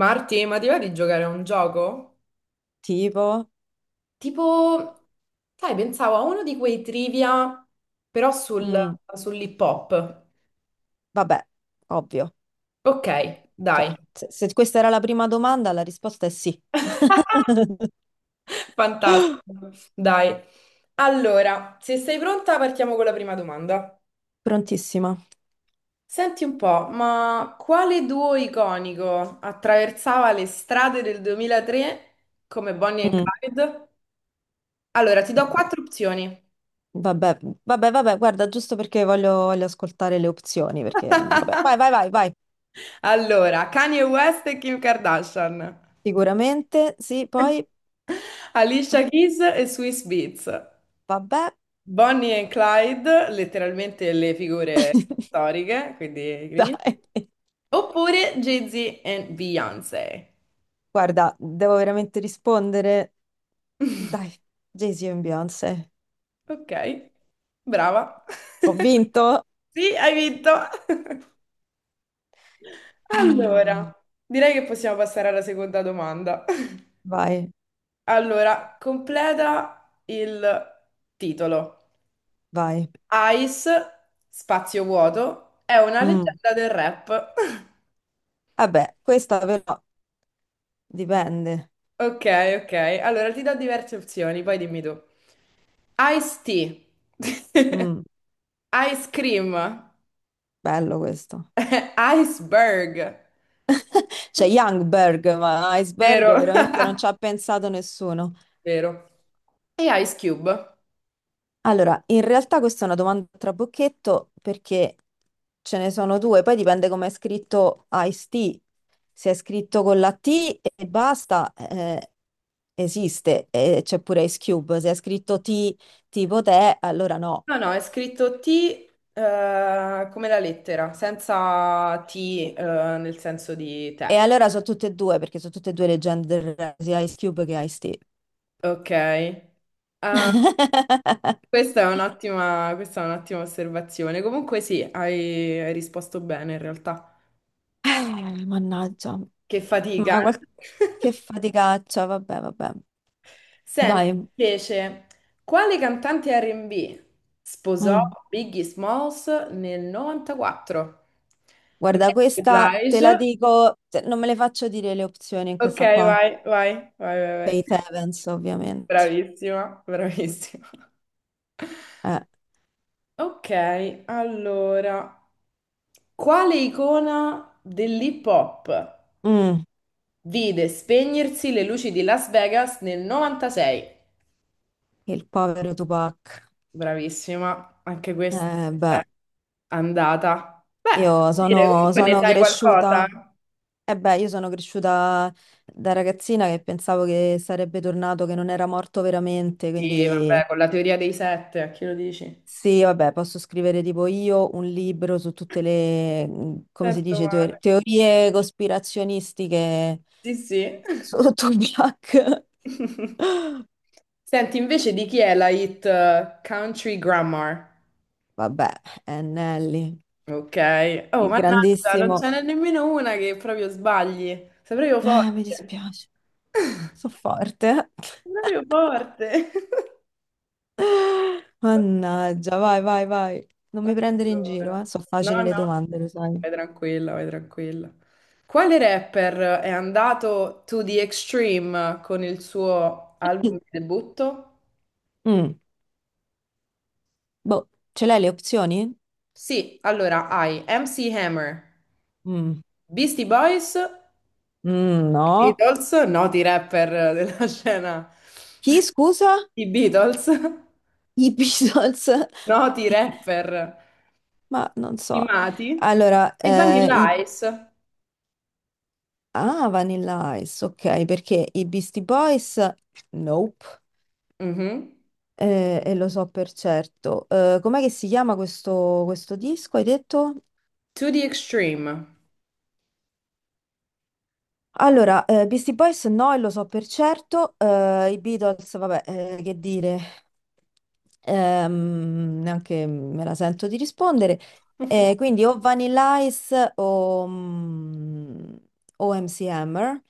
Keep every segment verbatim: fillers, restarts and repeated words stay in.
Marti, ma ti va di giocare a un gioco? Tipo? Tipo, sai, pensavo a uno di quei trivia, però sul, Mm, sull'hip hop. vabbè, ovvio. Ok, Cioè, dai. se, se questa era la prima domanda, la risposta è sì. Fantastico. Dai. Allora, se sei pronta, partiamo con la prima domanda. Prontissima. Senti un po', ma quale duo iconico attraversava le strade del duemilatré come Bonnie and Mm, Clyde? Allora, ti do vabbè, quattro opzioni. vabbè, vabbè, vabbè, guarda, giusto perché voglio, voglio ascoltare le opzioni, perché, vabbè, vai, vai, vai, vai. Allora, Kanye West e Kim Kardashian. Sicuramente, sì, poi, ah, Alicia Keys e Swiss Beats. vabbè. Bonnie e Clyde, letteralmente le figure storiche, quindi i Dai. criminali. Oppure Jay-Z e Beyoncé. Guarda, devo veramente rispondere. Dai, Jay-Z e Beyoncé. Ok, brava. Ho vinto. Sì, hai vinto. Ah, Allora, direi che possiamo passare alla seconda domanda. vai, Allora, completa il titolo. vai. Ice, spazio vuoto, è una Mm. leggenda del rap. Vabbè, questa però dipende. Ok, ok. Allora ti do diverse opzioni, poi dimmi tu. Ice tea. Mm, Ice cream. Bello questo. Iceberg. C'è Youngberg, ma Iceberg Vero. veramente non ci ha pensato nessuno. Vero. E Ice Cube? Allora, in realtà questa è una domanda a trabocchetto perché ce ne sono due, poi dipende come è scritto Ice T. Se è scritto con la T e basta, eh, esiste, e c'è pure Ice Cube. Se è scritto T tipo te, allora no. No, no, è scritto T eh, come la lettera, senza T eh, nel senso di E te. allora sono tutte e due, perché sono tutte e due leggende del rap, sia Ice Cube che Ice-T. Ok. Ah, Eh, questa è un'ottima, questa è un'ottima osservazione. Comunque sì, hai, hai risposto bene in realtà. Mannaggia, Che fatica. ma qual- Eh? che faticaccia, vabbè, vabbè. Senti, Dai, invece, quale cantante R and B sposò mm. Biggie Smalls nel novantaquattro? Guarda, Mary questa te la Blige. dico, te- non me le faccio dire le opzioni in Ok, questa qua. vai, vai, vai, vai, vai. Faith Evans, ovviamente. Bravissima, bravissima. Eh, Ok, allora, quale icona dell'hip hop mm, vide spegnersi le luci di Las Vegas nel novantasei? Il povero Tupac. Bravissima, anche questa. Eh, beh, Andata. Beh, io dire, sono, comunque ne sono sai qualcosa? cresciuta, eh beh, io sono cresciuta da ragazzina che pensavo che sarebbe tornato, che non era morto veramente, Sì, quindi... vabbè, con la teoria dei sette, a chi lo dici? Sì, vabbè, posso scrivere tipo io un libro su tutte le, mh, come si Sento dice, male. teor- teorie cospirazionistiche Sì, sì. sotto Tupac. Senti, invece di chi è la hit eh, Country Grammar? Vabbè, eh, Nelly, Ok. Oh, il mannaggia, non grandissimo... ce n'è nemmeno una che proprio sbagli. Sei proprio Eh, mi forte. dispiace, so forte. Sei proprio forte. Mannaggia, vai, vai, vai. Non mi Eh, prendere in giro, eh. Allora. Sono No, facili le no, domande, lo sai. vai tranquilla, vai tranquilla. Quale rapper è andato to the extreme con il suo album di debutto? Mm, boh, ce l'hai le opzioni? Sì, allora hai M C Hammer, Mm, Beastie Boys e mm, no. Beatles, noti rapper della scena. Chi, scusa? I Beatles, I Beatles? noti rapper Ma non so. primati Allora, e eh, i... Vanilla Ice. Ah, Vanilla Ice, ok, perché i Beastie Boys? Nope. Mhm. Eh, e lo so per certo. Eh, com'è che si chiama questo, questo disco, hai detto? To the extreme. Allora, eh, Beastie Boys no, e lo so per certo, eh, i Beatles, vabbè, eh, che dire, ehm, neanche me la sento di rispondere. Eh, quindi o Vanilla Ice o, mm, o M C Hammer,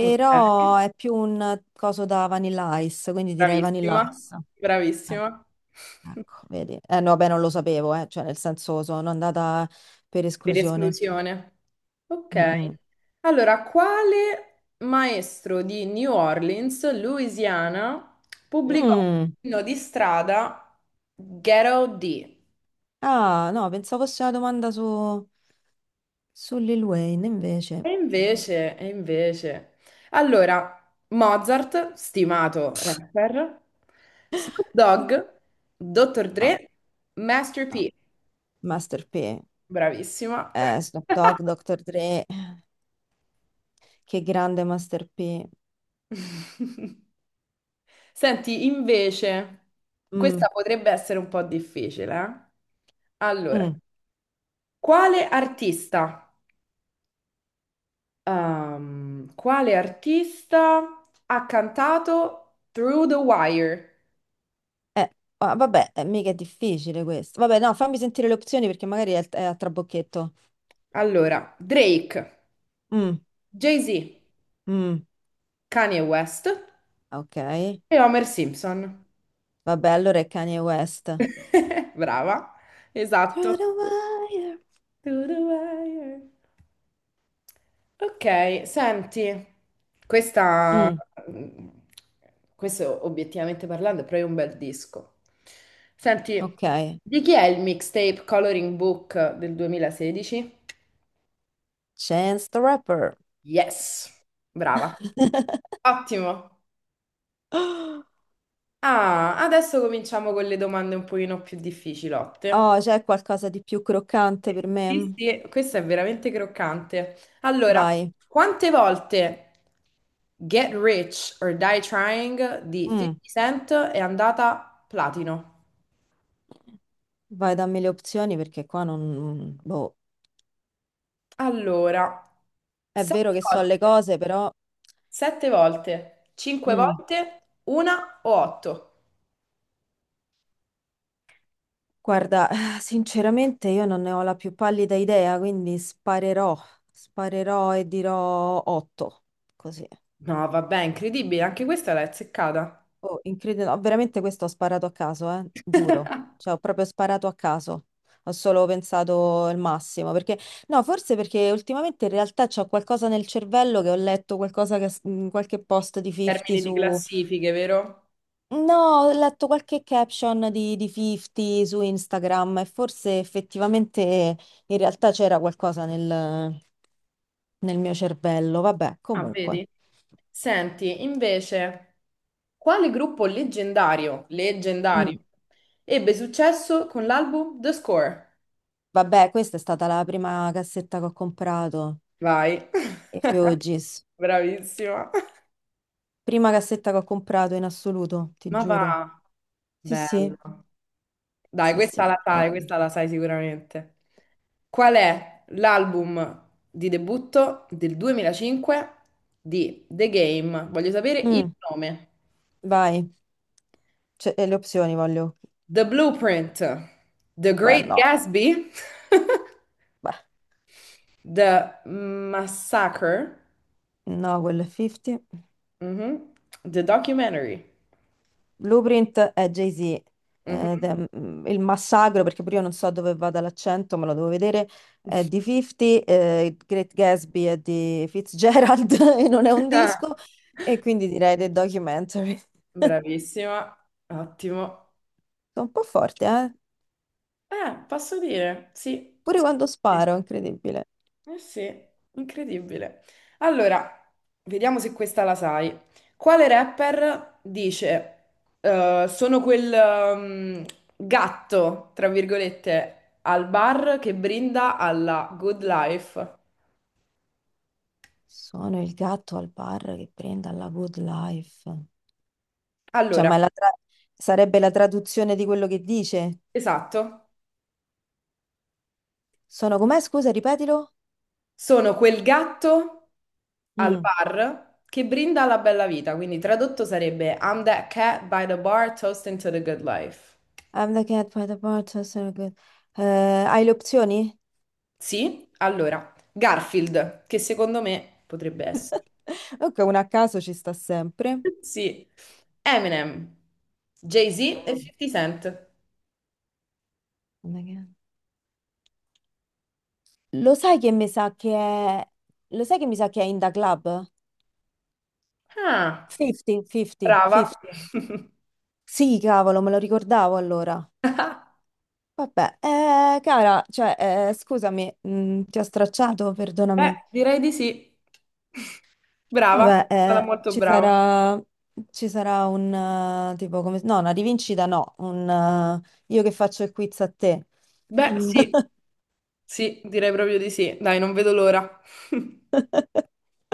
Ok. è più un coso da Vanilla Ice, quindi direi Vanilla Bravissima, Ice. Eh, bravissima. ecco, vedi. Eh, no, vabbè, non lo sapevo, eh, cioè nel senso sono andata per Per esclusione. esclusione. Ok. Mm, mm. Allora, quale maestro di New Orleans, Louisiana, pubblicò Mm. l'inno di strada Ghetto D? Ah, no, pensavo fosse una domanda su, su Lil Wayne, invece. E invece, e invece. Allora, Mozart, stimato rapper, Snoop Dogg, dottor No, Dre, Master no. P. Master P, Bravissima. eh, Snoop Dogg, dottor Dre, che grande Master P. Senti, invece, Mm, questa potrebbe essere un po' difficile, eh? Allora, mm. quale artista, ehm, quale artista ha cantato Through the Wire? Eh, ah, Vabbè, eh, mica è difficile questo. Vabbè, no, fammi sentire le opzioni perché magari è, è a trabocchetto. Allora, Drake, Mm, Jay-Z, mm, Kanye West ok. e Homer Simpson. Vabbè, allora è Kanye West. Brava, Through esatto. the wire. Through the Wire. Ok, senti, questa, Mm, questo obiettivamente parlando è proprio un bel disco. Senti, ok. di chi è il mixtape Coloring Book del duemilasedici? Chance the Rapper. Yes, brava, ottimo. Ah, adesso cominciamo con le domande un pochino più difficilotte. Oh, c'è qualcosa di più croccante per Sì, me? sì, questo è veramente croccante. Allora, Vai, quante volte Get Rich or Die Trying di mm, fifty Cent è andata platino? vai, dammi le opzioni perché qua non... Boh, Allora, è sette vero che so le volte, cose, però... sette volte, cinque Mm, volte, una o otto? Guarda, sinceramente io non ne ho la più pallida idea, quindi sparerò, sparerò e dirò otto, così. No, vabbè, incredibile, anche questa l'hai azzeccata. Oh, incredibile, no, veramente questo ho sparato a caso, eh, giuro. Cioè, ho proprio sparato a caso. Ho solo pensato il massimo, perché no, forse perché ultimamente in realtà c'ho qualcosa nel cervello che ho letto qualcosa che in qualche post di fifty Termini di su classifiche, vero? No, ho letto qualche caption di, di fifty su Instagram e forse effettivamente in realtà c'era qualcosa nel, nel, mio cervello. Vabbè, Ah, comunque. vedi? Senti, invece, quale gruppo leggendario, leggendario, Mm. ebbe successo con l'album The Score? Vabbè, questa è stata la prima cassetta che ho comprato. Vai, I Fioggi's. bravissima. Prima cassetta che ho comprato in assoluto, ti Ma va, giuro. Sì, sì, bello. Dai, sì, sì, questa la sai, proprio. questa la sai sicuramente. Qual è l'album di debutto del duemilacinque di The Game? Voglio sapere il Mm, nome. vai. Cioè, e le opzioni voglio. The Blueprint, The Beh, Great no, Gatsby. beh, The Massacre, no, quello è fifty. mhm, The Documentary. Blueprint è Jay-Z. Ed Mhm. è, mm, il massacro, perché pure io non so dove vada l'accento, me lo devo vedere. È di fifty, eh, Great Gatsby è di Fitzgerald e non è un Ah, disco. E quindi direi The Documentary. Bravissima, ottimo. Sono un po' forte, eh? Eh, posso dire, sì, Pure sì, quando sì. sparo, incredibile. Eh sì, incredibile. Allora, vediamo se questa la sai. Quale rapper dice, eh, sono quel ehm, gatto, tra virgolette, al bar che brinda alla good life? Sono il gatto al bar che prende alla good life. Cioè, Allora, ma è la tra- sarebbe la traduzione di quello che dice? esatto. Sono com'è? Scusa, ripetilo. Sono quel gatto al Mm. bar che brinda alla bella vita, quindi tradotto sarebbe I'm that cat by the bar toasting to the good life. I'm the cat by the bar, so so good. Eh, hai le opzioni? Sì? Allora, Garfield, che secondo me potrebbe essere. Ok, una a caso ci sta sempre. Sì. Eminem, Jay-Z e Mm. fifty Cent. I'm the cat. Lo sai che mi sa che è... Lo sai che mi sa che è in the club? Ah, cinquanta, fifty, brava. fifty. Sì, cavolo, me lo ricordavo allora. Vabbè, eh, cara, cioè, eh, scusami, mh, ti ho stracciato, Beh, perdonami. direi di sì. Brava, Vabbè, sarà eh, molto ci brava. sarà, ci sarà un, eh, tipo, come, no, una rivincita no, un, eh, io che faccio il quiz a te. Beh, sì, sì, direi proprio di sì. Dai, non vedo l'ora.